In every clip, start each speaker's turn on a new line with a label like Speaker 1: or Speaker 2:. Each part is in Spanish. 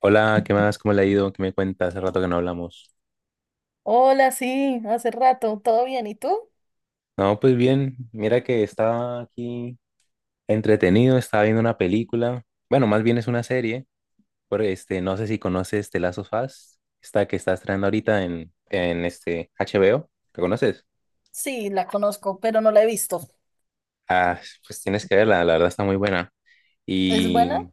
Speaker 1: Hola, ¿qué más? ¿Cómo le ha ido? ¿Qué me cuenta? Hace rato que no hablamos.
Speaker 2: Hola, sí, hace rato, ¿todo bien? ¿Y tú?
Speaker 1: No, pues bien, mira que estaba aquí entretenido, estaba viendo una película. Bueno, más bien es una serie, porque no sé si conoces The Last of Us, esta que está estrenando ahorita en este HBO. ¿La conoces?
Speaker 2: Sí, la conozco, pero no la he visto.
Speaker 1: Ah, pues tienes que verla, la verdad está muy buena.
Speaker 2: ¿Es buena?
Speaker 1: Y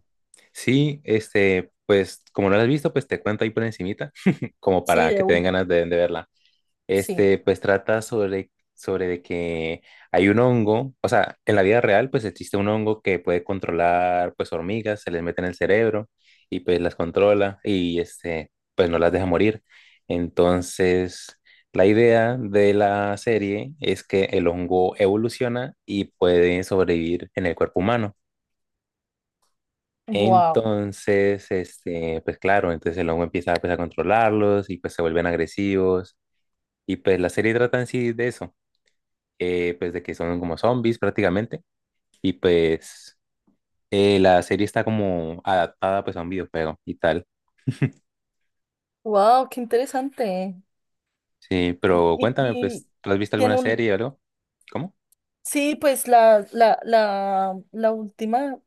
Speaker 1: sí, pues como no la has visto, pues te cuento ahí por encimita, como
Speaker 2: Sí,
Speaker 1: para
Speaker 2: de
Speaker 1: que te den
Speaker 2: uno,
Speaker 1: ganas de verla.
Speaker 2: sí.
Speaker 1: Pues trata sobre de que hay un hongo, o sea, en la vida real, pues existe un hongo que puede controlar, pues, hormigas, se les mete en el cerebro y pues las controla y, pues no las deja morir. Entonces, la idea de la serie es que el hongo evoluciona y puede sobrevivir en el cuerpo humano.
Speaker 2: Wow,
Speaker 1: Entonces, pues claro, entonces el hongo empieza pues, a controlarlos y pues se vuelven agresivos. Y pues la serie trata en sí de eso, pues de que son como zombies prácticamente, y pues la serie está como adaptada pues a un videojuego y tal.
Speaker 2: wow, qué interesante.
Speaker 1: Sí, pero
Speaker 2: Y,
Speaker 1: cuéntame,
Speaker 2: y
Speaker 1: pues, ¿tú has visto alguna
Speaker 2: tiene un,
Speaker 1: serie o algo? ¿Cómo?
Speaker 2: sí, pues la última,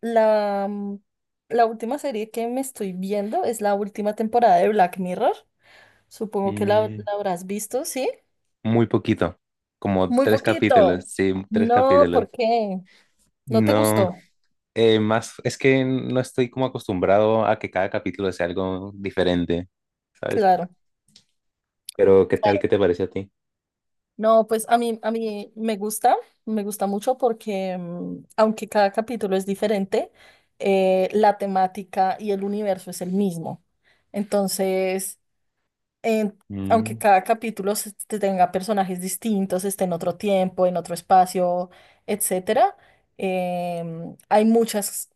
Speaker 2: la, mm, la última serie que me estoy viendo es la última temporada de Black Mirror. Supongo que la,
Speaker 1: Mm,
Speaker 2: la habrás visto, ¿sí?
Speaker 1: muy poquito, como
Speaker 2: Muy
Speaker 1: tres capítulos,
Speaker 2: poquito.
Speaker 1: sí, tres
Speaker 2: No,
Speaker 1: capítulos.
Speaker 2: ¿por qué? ¿No te
Speaker 1: No,
Speaker 2: gustó?
Speaker 1: más es que no estoy como acostumbrado a que cada capítulo sea algo diferente, ¿sabes?
Speaker 2: Claro.
Speaker 1: Pero ¿qué tal? ¿Qué te parece a ti?
Speaker 2: No, pues a mí me gusta mucho porque aunque cada capítulo es diferente, la temática y el universo es el mismo. Entonces, en- aunque
Speaker 1: Mm,
Speaker 2: cada capítulo te tenga personajes distintos, esté en otro tiempo, en otro espacio, etcétera, hay muchas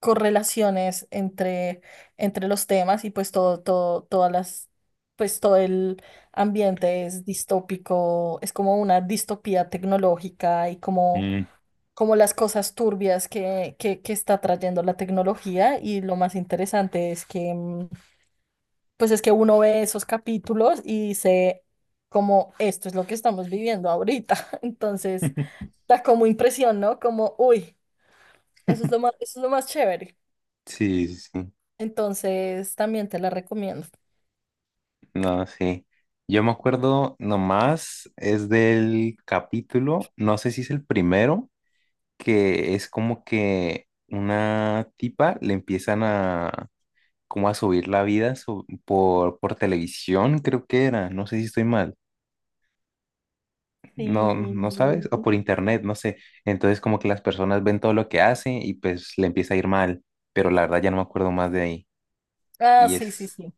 Speaker 2: correlaciones entre los temas y pues todas las, pues todo el ambiente es distópico, es como una distopía tecnológica y como,
Speaker 1: mm.
Speaker 2: como las cosas turbias que está trayendo la tecnología y lo más interesante es que, pues es que uno ve esos capítulos y dice como esto es lo que estamos viviendo ahorita. Entonces, da como impresión, ¿no? Como, uy, eso es lo más, eso es lo más chévere.
Speaker 1: Sí, sí, sí.
Speaker 2: Entonces, también te la recomiendo.
Speaker 1: No, sí. Yo me acuerdo nomás, es del capítulo, no sé si es el primero, que es como que una tipa le empiezan a como a subir la vida su- por televisión, creo que era, no sé si estoy mal, no, no sabes, o
Speaker 2: Sí.
Speaker 1: por internet, no sé. Entonces como que las personas ven todo lo que hace y pues le empieza a ir mal, pero la verdad ya no me acuerdo más de ahí.
Speaker 2: Ah,
Speaker 1: Y
Speaker 2: sí, sí,
Speaker 1: es
Speaker 2: sí.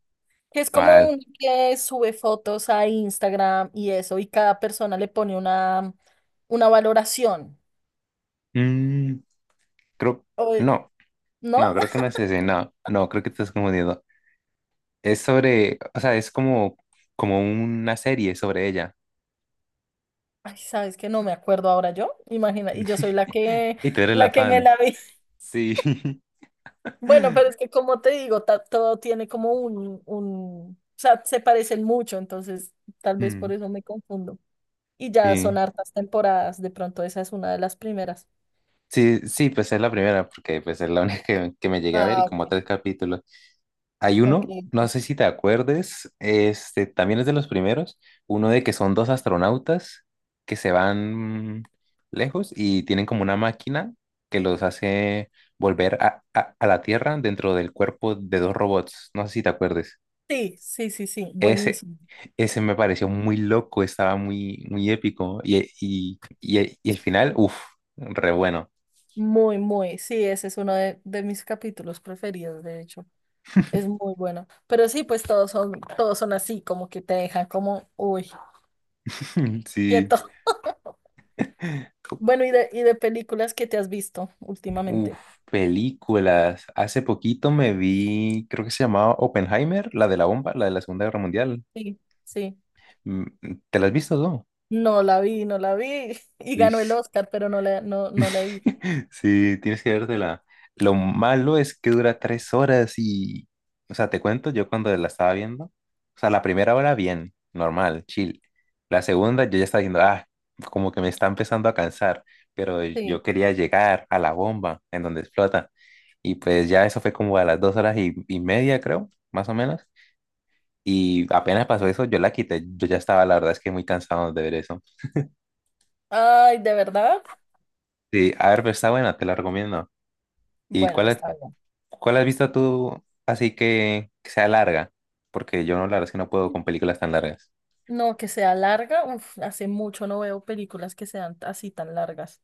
Speaker 2: Que es como
Speaker 1: mal.
Speaker 2: un que sube fotos a Instagram y eso, y cada persona le pone una valoración.
Speaker 1: Mm, creo,
Speaker 2: O,
Speaker 1: no. No,
Speaker 2: ¿no?
Speaker 1: creo que no es ese, no, no, creo que te estás confundiendo. Es sobre, o sea, es como, como una serie sobre ella.
Speaker 2: Ay, sabes que no me acuerdo ahora yo. Imagina, y yo soy la que,
Speaker 1: Y tú eres la
Speaker 2: la que me
Speaker 1: fan.
Speaker 2: la vi.
Speaker 1: Sí.
Speaker 2: Bueno, pero es que como te digo, todo tiene como un, o sea, se parecen mucho, entonces tal vez por
Speaker 1: Mm,
Speaker 2: eso me confundo. Y ya son
Speaker 1: sí.
Speaker 2: hartas temporadas, de pronto esa es una de las primeras.
Speaker 1: Sí, sí, pues es la primera, porque pues es la única que me llegué a ver y
Speaker 2: Ah,
Speaker 1: como
Speaker 2: ok,
Speaker 1: tres capítulos. Hay
Speaker 2: ok.
Speaker 1: uno, no sé si te acuerdes, este también es de los primeros, uno de que son dos astronautas que se van lejos y tienen como una máquina que los hace volver a la Tierra dentro del cuerpo de dos robots, no sé si te acuerdes.
Speaker 2: Sí, sí, sí, sí,
Speaker 1: Ese,
Speaker 2: buenísimo.
Speaker 1: ese me pareció muy loco, estaba muy épico y el final, uff, re bueno.
Speaker 2: Muy, muy, sí, ese es uno de mis capítulos preferidos, de hecho. Es muy bueno. Pero sí, pues todos son así, como que te dejan como, uy,
Speaker 1: Sí.
Speaker 2: quieto. Bueno, y de películas que te has visto
Speaker 1: Uf,
Speaker 2: últimamente.
Speaker 1: películas. Hace poquito me vi, creo que se llamaba Oppenheimer, la de la bomba, la de la Segunda Guerra Mundial.
Speaker 2: Sí, sí.
Speaker 1: Mm, ¿te la has visto, no?
Speaker 2: No la vi, no la vi. Y
Speaker 1: Uy,
Speaker 2: ganó el
Speaker 1: sí.
Speaker 2: Oscar, pero no la, no, no la he visto.
Speaker 1: Sí, tienes que vértela. Lo malo es que dura tres horas y, o sea, te cuento, yo cuando la estaba viendo, o sea, la primera hora bien, normal, chill. La segunda yo ya estaba diciendo, ah, como que me está empezando a cansar, pero yo
Speaker 2: Sí.
Speaker 1: quería llegar a la bomba en donde explota. Y pues ya eso fue como a las dos horas y media, creo, más o menos. Y apenas pasó eso, yo la quité. Yo ya estaba, la verdad es que muy cansado de ver eso.
Speaker 2: Ay, ¿de verdad?
Speaker 1: Sí, a ver, pero está buena, te la recomiendo. ¿Y
Speaker 2: Bueno,
Speaker 1: cuál es,
Speaker 2: está bien.
Speaker 1: ¿Cuál has visto tú así que sea larga? Porque yo no, la verdad es que no puedo con películas tan largas.
Speaker 2: No, que sea larga. Uf, hace mucho no veo películas que sean así tan largas,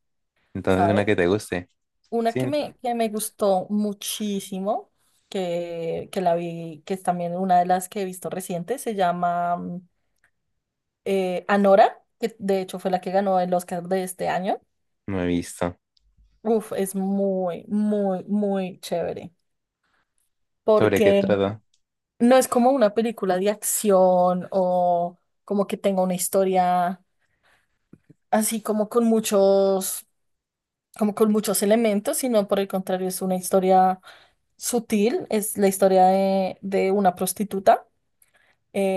Speaker 1: Entonces, una
Speaker 2: ¿sabes?
Speaker 1: que te guste.
Speaker 2: Una
Speaker 1: Sí,
Speaker 2: que me gustó muchísimo, que la vi, que es también una de las que he visto reciente, se llama Anora, que de hecho fue la que ganó el Oscar de este año.
Speaker 1: no he visto.
Speaker 2: Uf, es muy, muy, muy chévere.
Speaker 1: ¿Sobre qué
Speaker 2: Porque
Speaker 1: trata?
Speaker 2: no es como una película de acción o como que tenga una historia así como con muchos elementos, sino por el contrario, es una historia sutil, es la historia de una prostituta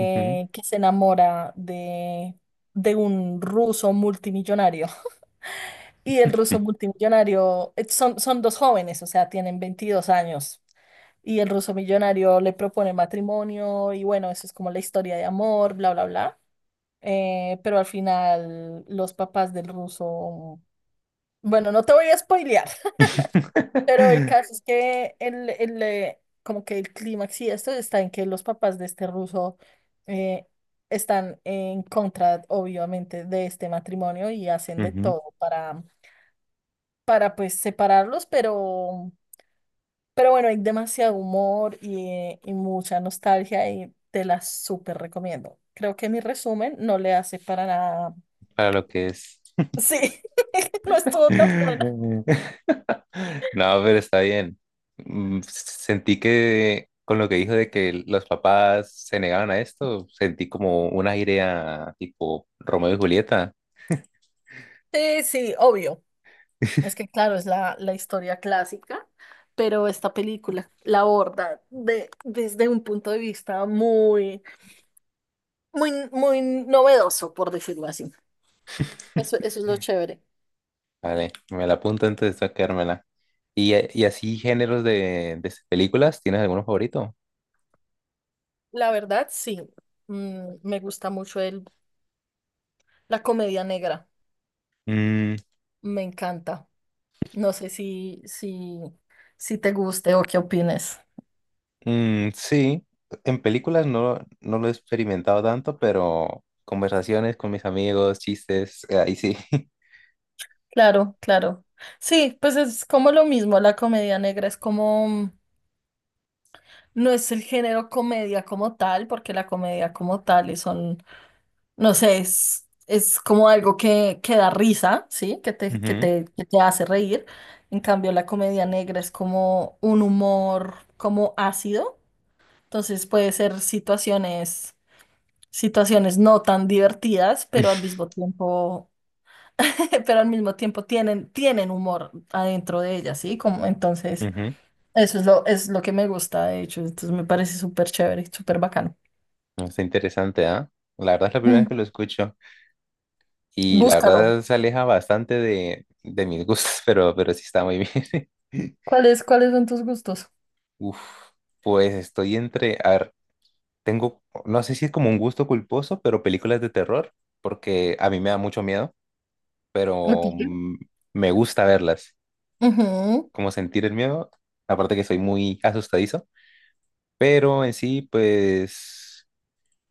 Speaker 1: Ujú.
Speaker 2: que se enamora de un ruso multimillonario. Y el ruso multimillonario, son dos jóvenes, o sea, tienen 22 años. Y el ruso millonario le propone matrimonio y bueno, eso es como la historia de amor, bla, bla, bla. Pero al final los papás del ruso, bueno, no te voy a spoilear, pero el caso es que como que el clímax y esto está en que los papás de este ruso eh, están en contra, obviamente, de este matrimonio y hacen de
Speaker 1: Ujú,
Speaker 2: todo para, pues separarlos, pero bueno, hay demasiado humor y mucha nostalgia y te la súper recomiendo. Creo que mi resumen no le hace para nada.
Speaker 1: para lo que es.
Speaker 2: Sí, no estuvo tan buena.
Speaker 1: No, pero está bien. Mm, sentí que con lo que dijo de que los papás se negaban a esto, sentí como una idea tipo Romeo y Julieta.
Speaker 2: Sí, sí, obvio. Es que claro, es la historia clásica, pero esta película la aborda desde un punto de vista muy, muy, muy novedoso, por decirlo así. Eso es lo chévere.
Speaker 1: Vale, me la apunto antes de sacármela. Y así géneros de películas? ¿Tienes alguno favorito?
Speaker 2: La verdad, sí. Me gusta mucho la comedia negra.
Speaker 1: Mm,
Speaker 2: Me encanta. No sé si te guste o qué opines.
Speaker 1: mm, sí, en películas no, no lo he experimentado tanto, pero conversaciones con mis amigos, chistes, ahí sí.
Speaker 2: Claro, claro. Sí, pues es como lo mismo. La comedia negra es como, no es el género comedia como tal, porque la comedia como tal es son, no sé, es como algo que da risa, ¿sí? Que te, que
Speaker 1: Ujú,
Speaker 2: te, que te hace reír. En cambio, la comedia negra es como un humor como ácido. Entonces puede ser situaciones no tan divertidas, pero al mismo tiempo, pero al mismo tiempo tienen humor adentro de ellas, ¿sí? Como, entonces,
Speaker 1: ujú.
Speaker 2: eso es lo que me gusta, de hecho. Entonces me parece súper chévere, súper bacano.
Speaker 1: No, está interesante, ¿ah? La verdad es la primera vez que
Speaker 2: Mm,
Speaker 1: lo escucho y la
Speaker 2: Búscalo.
Speaker 1: verdad se aleja bastante de mis gustos, pero sí está muy bien.
Speaker 2: ¿Cuáles son tus gustos?
Speaker 1: Uf, pues estoy entre... A ver, tengo, no sé si es como un gusto culposo, pero películas de terror, porque a mí me da mucho miedo,
Speaker 2: ¿A
Speaker 1: pero
Speaker 2: ti?
Speaker 1: me gusta verlas,
Speaker 2: Ujú,
Speaker 1: como sentir el miedo, aparte que soy muy asustadizo, pero en sí, pues,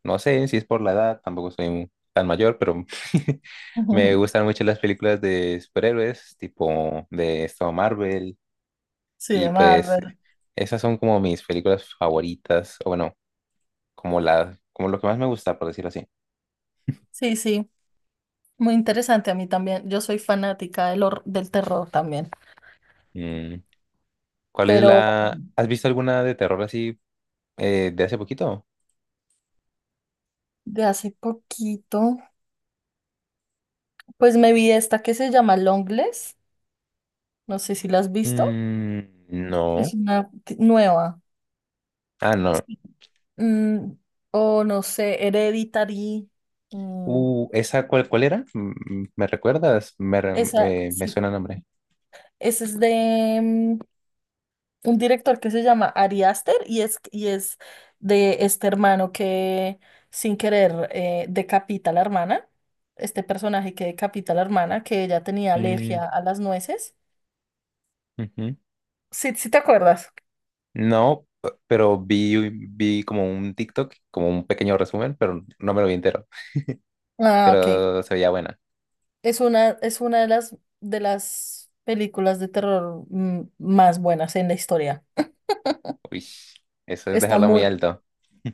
Speaker 1: no sé si es por la edad, tampoco soy un- tan mayor, pero me
Speaker 2: ujú.
Speaker 1: gustan mucho las películas de superhéroes, tipo de esto Marvel,
Speaker 2: Sí,
Speaker 1: y
Speaker 2: de
Speaker 1: pues
Speaker 2: Marvel.
Speaker 1: esas son como mis películas favoritas, o bueno, como la, como lo que más me gusta, por decirlo así.
Speaker 2: Sí, sí, muy interesante a mí también. Yo soy fanática del terror también,
Speaker 1: Mm. ¿Cuál es
Speaker 2: pero
Speaker 1: la... ¿Has visto alguna de terror así de hace poquito?
Speaker 2: de hace poquito, pues me vi esta que se llama Longlegs, no sé si la has visto,
Speaker 1: Mm, no.
Speaker 2: es una nueva,
Speaker 1: Ah, no.
Speaker 2: sí. Mm, o no sé, Hereditary, mm,
Speaker 1: ¿Esa cuál era? Mm, ¿me recuerdas?
Speaker 2: esa,
Speaker 1: Me
Speaker 2: sí,
Speaker 1: suena el nombre.
Speaker 2: esa es de, un director que se llama Ari Aster y es de este hermano que sin querer decapita a la hermana, este personaje que decapita a la hermana, que ella tenía
Speaker 1: Mm,
Speaker 2: alergia a las nueces.
Speaker 1: ujú.
Speaker 2: Sí, sí te acuerdas.
Speaker 1: No, p- pero vi como un TikTok, como un pequeño resumen, pero no me lo vi entero.
Speaker 2: Ah, ok.
Speaker 1: Pero se veía buena.
Speaker 2: Es una de las películas de terror, más buenas en la historia.
Speaker 1: Uy, eso es
Speaker 2: Está
Speaker 1: dejarla muy
Speaker 2: muy,
Speaker 1: alto.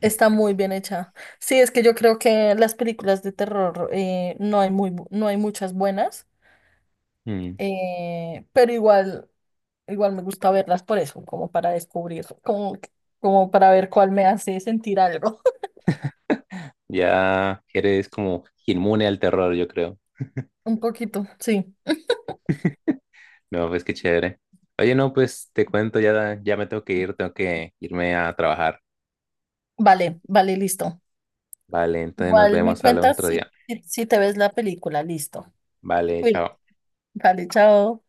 Speaker 2: está muy bien hecha. Sí, es que yo creo que las películas de terror, no hay muy, no hay muchas buenas.
Speaker 1: Mm,
Speaker 2: Pero igual me gusta verlas por eso, como para descubrir, como para ver cuál me hace sentir algo.
Speaker 1: ya eres como inmune al terror, yo creo.
Speaker 2: Un poquito, sí.
Speaker 1: No, pues qué chévere. Oye, no, pues te cuento, ya, ya me tengo que ir, tengo que irme a trabajar.
Speaker 2: Vale, vale, listo.
Speaker 1: Vale, entonces nos
Speaker 2: Igual me
Speaker 1: vemos, hablamos
Speaker 2: cuentas
Speaker 1: otro
Speaker 2: si,
Speaker 1: día.
Speaker 2: si si te ves la película, listo.
Speaker 1: Vale,
Speaker 2: Cuida.
Speaker 1: chao.
Speaker 2: Vale, chao.